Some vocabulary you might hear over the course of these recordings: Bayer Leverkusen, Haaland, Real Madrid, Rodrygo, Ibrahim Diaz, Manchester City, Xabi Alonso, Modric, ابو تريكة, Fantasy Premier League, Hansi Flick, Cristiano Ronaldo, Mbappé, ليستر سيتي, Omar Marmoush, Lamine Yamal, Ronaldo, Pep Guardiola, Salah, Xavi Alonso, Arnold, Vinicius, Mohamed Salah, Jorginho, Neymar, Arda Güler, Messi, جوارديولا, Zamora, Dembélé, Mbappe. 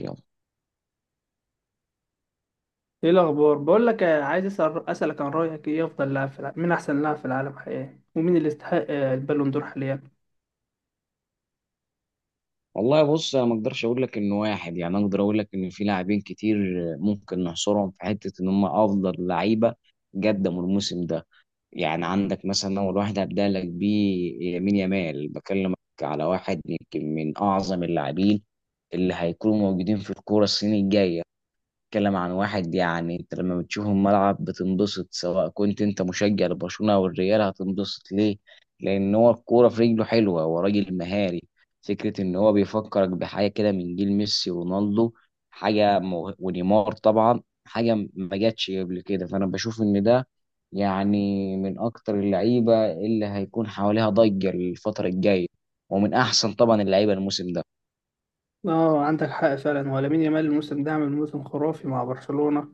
يلا. ايه الاخبار؟ بقول لك، عايز اسالك عن رايك، ايه افضل لاعب في العالم؟ مين احسن لاعب في العالم حقيقي؟ ومين اللي يستحق البالون دور حاليا؟ والله بص انا ما اقدرش اقول لك انه واحد، يعني اقدر اقول لك ان في لاعبين كتير ممكن نحصرهم في حته ان هم افضل لعيبه قدموا الموسم ده. يعني عندك مثلا اول واحد هبدا لك بيه يمين يامال، بكلمك على واحد يمكن من اعظم اللاعبين اللي هيكونوا موجودين في الكوره السنه الجايه. بتتكلم عن واحد يعني انت لما بتشوفه الملعب بتنبسط، سواء كنت انت مشجع لبرشلونة او الريال هتنبسط ليه؟ لان هو الكورة في رجله حلوة، هو راجل مهاري، فكرة ان هو بيفكرك بحاجة كده من جيل ميسي ورونالدو. حاجة ونيمار طبعا، حاجة ما جاتش قبل كده. فانا بشوف ان ده يعني من اكتر اللعيبة اللي هيكون حواليها ضجة الفترة الجاية، ومن احسن طبعا اللعيبة الموسم ده. اه، عندك حق فعلا. ولا مين؟ يامال الموسم ده عامل موسم خرافي مع برشلونة.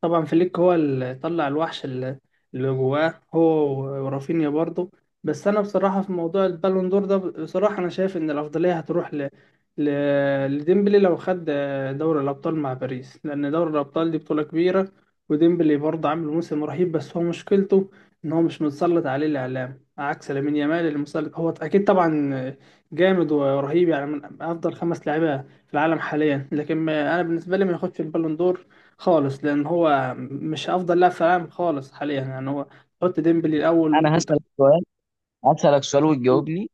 طبعا فليك هو اللي طلع الوحش اللي جواه هو، ورافينيا برضه. بس انا بصراحه في موضوع البالون دور ده، بصراحه انا شايف ان الافضليه هتروح ل... لديمبلي لو خد دوري الابطال مع باريس، لان دوري الابطال دي بطوله كبيره. وديمبلي برضه عامل موسم رهيب، بس هو مشكلته ان هو مش متسلط عليه الاعلام عكس لامين يامال اللي متسلط. هو اكيد طبعا جامد ورهيب، يعني من افضل خمس لاعيبه في العالم حاليا، لكن انا بالنسبه لي ما ياخدش البالون دور خالص، لان هو مش افضل لاعب في العالم خالص حاليا. يعني هو تحط ديمبلي الاول، انا ممكن هسألك تحط سؤال، هسألك سؤال وتجاوبني.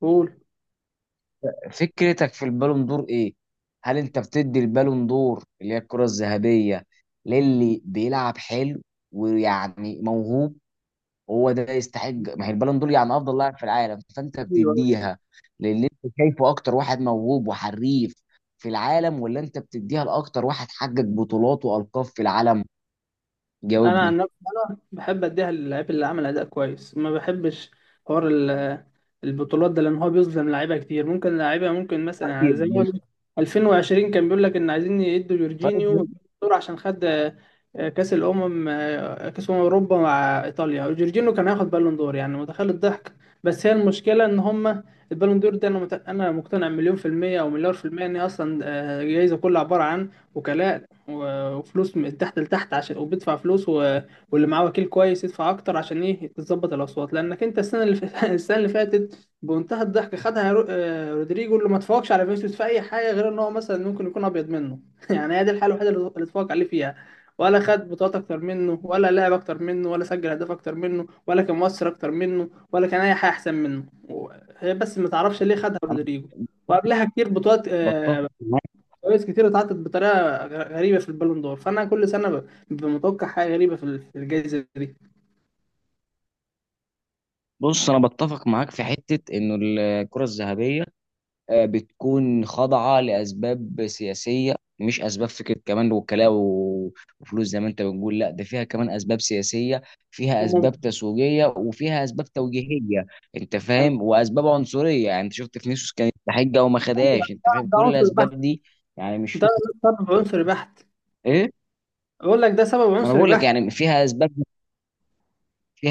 بول. فكرتك في البالون دور ايه؟ هل انت بتدي البالون دور اللي هي الكرة الذهبية للي بيلعب حلو ويعني موهوب، هو ده يستحق؟ ما هي البالون دور يعني افضل لاعب في العالم، فانت ايوه، بتديها للي انت شايفه اكتر واحد موهوب وحريف في العالم، ولا انت بتديها لاكتر واحد حقق بطولات والقاب في العالم؟ انا جاوبني. عن نفسي بحب اديها للاعيب اللي عمل اداء كويس، ما بحبش حوار البطولات ده، لان هو بيظلم لعيبه كتير. ممكن لعيبه، ممكن مثلا، يعني زي طيب. ما 2020 كان بيقول لك ان عايزين يدوا جورجينيو طيب. الدور عشان خد كاس الامم، كاس اوروبا مع ايطاليا، وجورجينيو كان هياخد بالون دور. يعني متخيل الضحك! بس هي المشكله ان هم البالون دور ده، انا انا مقتنع مليون في الميه او مليار في الميه ان هي اصلا جايزه كلها عباره عن وكلاء وفلوس من تحت لتحت، عشان وبيدفع فلوس واللي معاه وكيل كويس يدفع اكتر عشان ايه؟ تظبط الاصوات. لانك انت السنه السنه اللي فاتت بمنتهى الضحك خدها رودريجو، اللي ما اتفوقش على فينيسيوس في اي حاجه غير ان هو مثلا ممكن يكون ابيض منه يعني هي دي الحاله الوحيده اللي اتفوق عليه فيها، ولا خد بطولات اكتر منه، ولا لعب اكتر منه، ولا سجل اهداف اكتر منه، ولا كان مؤثر اكتر منه، ولا كان اي حاجه احسن منه. و- هي بس ما تعرفش ليه خدها انا رودريجو. وقبلها كتير بطولات، بتفق معاك. جوائز كتير اتعطت بطريقه غريبه في البالون دور. فانا كل سنه ببقى متوقع حاجه غريبه في الجائزه دي. بص انا بتفق معاك في حتة انه الكرة الذهبية بتكون خاضعة لأسباب سياسية، مش أسباب فكرة كمان وكلاء وفلوس زي ما أنت بتقول، لا ده فيها كمان أسباب سياسية، فيها أسباب وممكن تسويقية، وفيها أسباب توجيهية. أنت فاهم؟ وأسباب عنصرية، يعني أنت شفت فينيسيوس كانت تحجة وما خدهاش. أنت ده فاهم ده كل عنصر بحت. الأسباب دي؟ يعني مش ده فكرة. ده عنصر بحت. إيه. بقول لك ده سبب ما أنا عنصري بقول لك بحت. يعني فيها أسباب،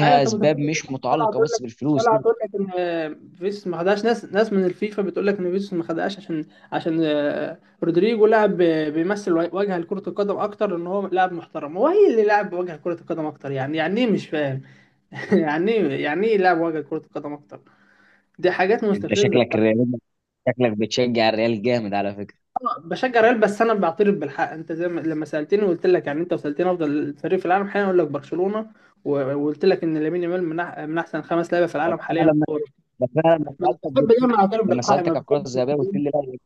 ايوه، انت أسباب متخيل مش إن طلع متعلقة تقول لك، بس بالفلوس، طلع لا. تقول لك ان فيس ما خدهاش؟ ناس من الفيفا بتقول لك ان فيس ما خدهاش عشان عشان رودريجو لاعب بيمثل وجه لكرة القدم اكتر، ان هو لاعب محترم. هو هي اللي لاعب وجه لكرة القدم اكتر؟ يعني ايه؟ مش فاهم يعني ايه؟ يعني ايه لاعب وجه لكرة القدم اكتر؟ دي حاجات أنت مستفزة. شكلك الريال، شكلك بتشجع الريال جامد على فكرة. بشجع ريال، بس انا بعترف بالحق. انت زي ما لما سالتني وقلت لك، يعني انت وسالتني افضل فريق في العالم حاليا، اقول لك برشلونه. وقلت لك ان لامين يامال من احسن خمس لعيبه في طب العالم حاليا أنا لما، كوره. بس انا لما بس سالتك بحب قلت لي، دايما اعترف لما بالحق، ما سالتك على الكره الذهبيه بحبش. قلت لي لا.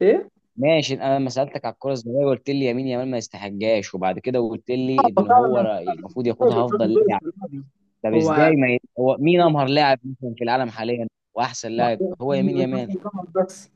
ايه، ماشي. انا لما سالتك على الكره الذهبيه قلت لي يمين يامال ما يستحقهاش، وبعد كده قلت لي هو ان فعلا. هو ما المفروض بحبش ياخدها افضل الدور لاعب. الصناعي. طب هو ازاي ما ي... هو مين مش امهر لاعب مثلا في العالم حاليا واحسن لاعب؟ مش- هو يمين يامال؟ مش- مش- بس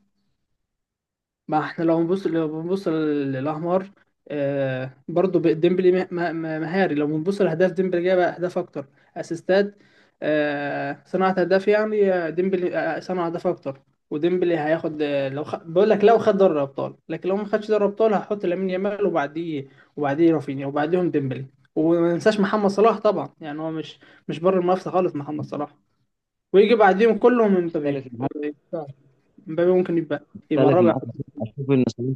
ما احنا، لو بنبص، لو بنبص للاحمر، آه برضو ديمبلي مهاري. لو بنبص لاهداف، ديمبلي جاب اهداف اكتر. اسيستات، آه، صناعة اهداف. يعني ديمبلي صنع اهداف اكتر. وديمبلي هياخد، لو بقول لك لو خد دوري ابطال. لكن لو ما خدش دوري ابطال، هحط لامين يامال، وبعديه رافينيا، وبعديهم ديمبلي. وما ننساش محمد صلاح طبعا. يعني هو مش بره المنافسه خالص، محمد صلاح. ويجي بعديهم كلهم مبابي. اختلف آه، معاك. مبابي ممكن يبقى اختلف الرابع. معاك اشوف ان صلاح،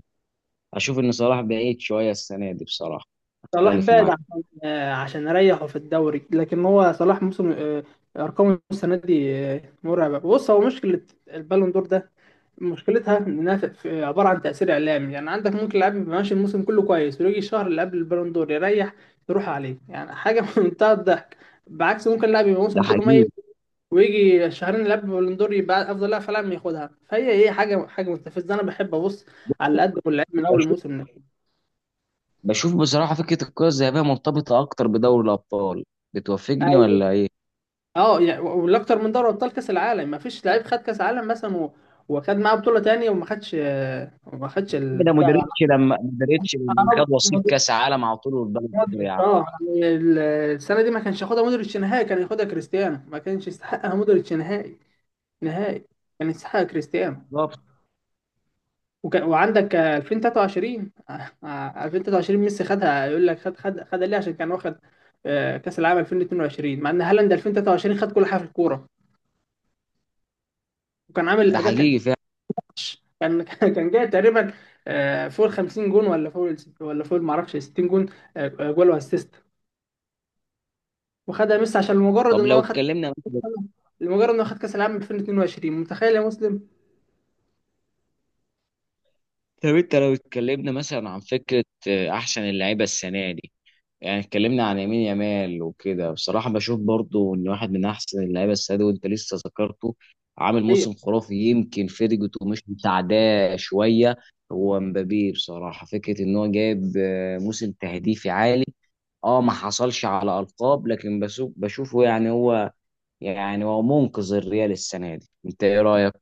اشوف ان صلاح بعيد شويه السنه دي بصراحه. صلاح اختلف بعد معاك. عشان عشان اريحه في الدوري. لكن هو صلاح موسم، ارقامه السنه دي مرعبه. بص، هو مشكله البالون دور ده مشكلتها انها عباره عن تاثير اعلامي. يعني عندك ممكن لاعب يبقى ماشي الموسم كله كويس، ويجي الشهر اللي قبل البالون دور يريح، يروح عليه. يعني حاجه في منتهى الضحك. بعكس ممكن لاعب يبقى ده الموسم كله حقيقي. ميت، ويجي الشهرين اللي قبل البالون دور يبقى افضل لاعب في العالم، ياخدها. فهي ايه؟ حاجه مستفزه. انا بحب ابص على اللي قدمه اللعيب من اول بشوف، الموسم. بشوف بصراحه فكره الكره الذهبيه مرتبطه اكتر بدوري الابطال. بتوافقني ولا ايه؟ اه، يعني والاكتر من دوري ابطال كاس العالم. ما فيش لعيب خد كاس عالم مثلا وخد معاه بطوله تانية، وما خدش ده البتاع. مودريتش لما، مودريتش لما خد وصيف مودريتش. كاس عالم على طول والبلد حر يا عم. اه، يعني السنه دي ما كانش ياخدها مودريتش نهائي، كان ياخدها كريستيانو. ما كانش يستحقها مودريتش نهائي، نهائي. كان يستحقها كريستيانو. بالظبط. وعندك 2023، 2023 ميسي خدها. يقول لك خد خد خدها ليه؟ عشان كان واخد كاس العالم 2022، مع ان هالاند 2023 خد كل حاجه في الكوره، وكان عامل ده اداء. حقيقي فعلا. كان كان جاي تقريبا فوق ال 50 جون، ولا فوق ولا فوق ما اعرفش 60 جون، جول واسيست. وخدها ميسي طب لو اتكلمنا مثلا، لمجرد ان هو خد كاس العالم 2022. متخيل يا مسلم! طب انت لو اتكلمنا مثلا عن فكره احسن اللعيبه السنه دي، يعني اتكلمنا عن يمين يمال وكده. بصراحه بشوف برضو ان واحد من احسن اللعيبه السنه دي، وانت لسه ذكرته، عامل حقيقة، موسم خرافي، يمكن فيرجيتو مش مساعداه شويه، هو مبابي. بصراحه فكره ان هو جايب موسم تهديفي عالي، اه ما حصلش على ألقاب، لكن بشوف بشوفه يعني هو، يعني هو منقذ الريال السنة دي. انت ايه رأيك؟ ما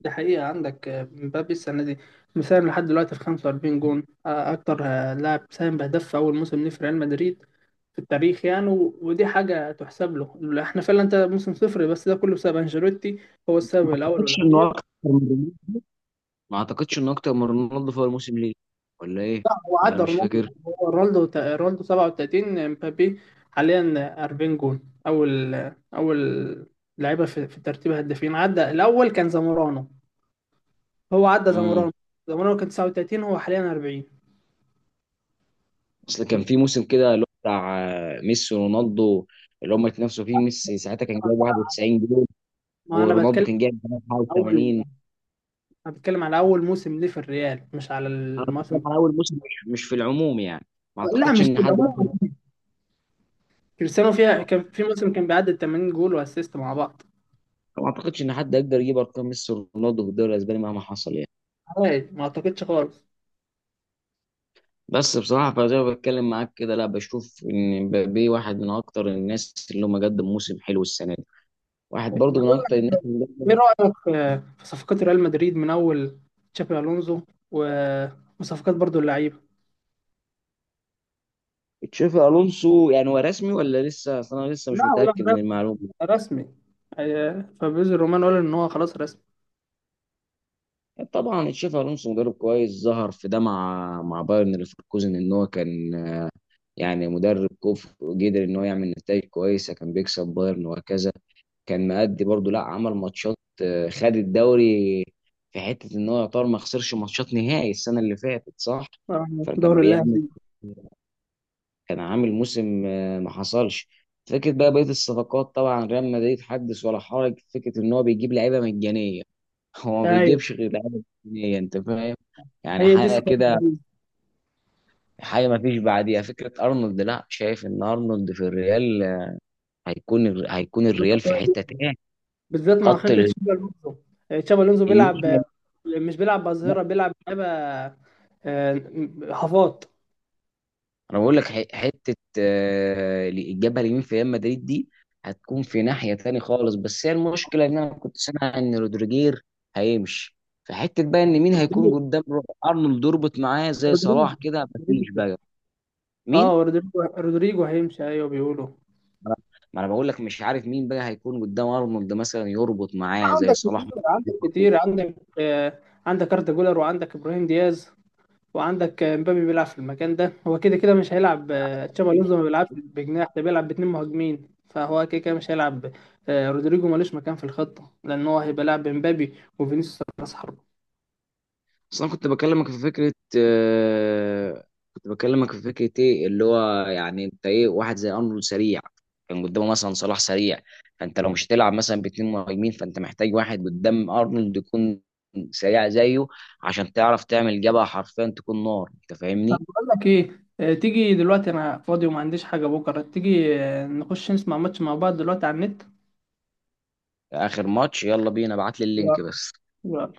دي حقيقة عندك مبابي السنة دي مساهم لحد دلوقتي في 45 جون. اكتر لاعب ساهم بهدف في اول موسم ليه في ريال مدريد في التاريخ. يعني ودي حاجة تحسب له. احنا فعلا انت موسم صفر، بس ده كله بسبب انشيلوتي، هو السبب الاول اعتقدش انه والاخير. اكتر من رونالدو. ما اعتقدش انه اكتر من رونالدو في الموسم ليه، ولا ايه؟ هو ولا انا عدى مش رونالدو. فاكر. هو رونالدو 37، امبابي حاليا 40 جول. اول اول لعيبه في ترتيب هدافين عدى. الاول كان زامورانو، هو عدى امم. زامورانو كان 39، هو حاليا 40. اصل كان في موسم كده اللي هو بتاع ميسي ورونالدو، اللي هم اتنافسوا فيه. ميسي ساعتها كان جايب 91 جول، ما انا ورونالدو بتكلم كان جايب عن اول. 81. انا بتكلم على اول موسم ليه في الريال، مش على انا الموسم. بتكلم على اول موسم، مش في العموم يعني. ما لا، اعتقدش مش في ان العموم. كريستيانو فيها كان في موسم كان بيعدي 80 جول واسيست مع بعض. ما اعتقدش ان حد يقدر يجيب ارقام ميسي ورونالدو في الدوري الاسباني مهما حصل يعني. عادي، ما اعتقدش خالص. بس بصراحة، فزي ما بتكلم معاك كده، لا، بشوف إن مبابي واحد من أكتر الناس اللي هم قدم موسم حلو السنة دي، واحد برضو من أكتر الناس اللي ايه قدم. رأيك في صفقات ريال مدريد؟ من اول تشابي الونزو و- وصفقات برضو اللعيبه. تشافي ألونسو يعني هو رسمي ولا لسه؟ أصل أنا لسه لا مش لا، متأكد ده من المعلومة دي. رسمي. فابريزو رومان قال ان هو خلاص رسمي. طبعا تشافي ألونسو مدرب كويس، ظهر في ده مع مع بايرن ليفركوزن إن هو كان يعني مدرب كفء، وقدر إن هو يعمل نتائج كويسة، كان بيكسب بايرن وهكذا. كان مأدي برضه لا، عمل ماتشات خد الدوري، في حتة ان هو يعتبر ما خسرش ماتشات نهائي السنة اللي فاتت، صح؟ آه، فكان دوري اللاعب بيعمل دي. كان عامل موسم ما حصلش. فكرة بقى بقية الصفقات، طبعا ريال مدريد حدث ولا حرج، فكرة ان هو بيجيب لعيبة مجانية هو ما ايوه، بيجيبش غير لعيبة مجانية، انت فاهم؟ يعني هي دي حاجة صفقات كده، باريس. حاجة ما فيش بعديها. فكرة ارنولد، لا شايف ان ارنولد في الريال هيكون، هيكون الريال في حتة تاني. بالذات مع خط خطه ال- تشابي الونزو. تشابي الونزو بيلعب، الناحية. مش بيلعب بأظهرة، بيلعب لعيبه آه، هافات. انا بقول لك حته الجبهه اليمين في ريال مدريد دي هتكون في ناحيه تاني خالص. بس هي المشكله ان انا كنت سامع ان رودريجير هيمشي، فحته بقى ان مين هيكون رودريجو قدام ارنولد يربط معاه زي صلاح رودريجو كده، مفيش رودريجو. بقى. اه، مين؟ رودريجو هيمشي، ايوه بيقولوا. ما انا ما أنا بقول لك مش عارف مين بقى هيكون قدام ارنولد مثلا يربط معاه زي صلاح عندك عندك أردا جولر، وعندك إبراهيم دياز، وعندك مبابي بيلعب في المكان ده، هو كده كده مش هيلعب. تشابي كده. ألونسو ما بيلعبش بجناح، ده بيلعب باتنين مهاجمين، فهو كده كده مش هيلعب. رودريجو ملوش مكان في الخطة، لأن هو هيبقى لاعب مبابي وفينيسيوس راس حربة. بس انا كنت بكلمك في فكره كنت بكلمك في فكره ايه اللي هو، يعني انت ايه، واحد زي ارنولد سريع كان قدامه مثلا صلاح سريع، فانت لو مش هتلعب مثلا باتنين مهاجمين، فانت محتاج واحد قدام ارنولد يكون سريع زيه، عشان تعرف تعمل جبهه حرفيا تكون نار. انت طب فاهمني؟ بقول لك إيه، تيجي دلوقتي؟ أنا فاضي وما عنديش حاجة بكرة. تيجي نخش نسمع ماتش مع بعض دلوقتي على النت؟ اخر ماتش، يلا بينا، ابعت لي يلا. اللينك بس. يلا.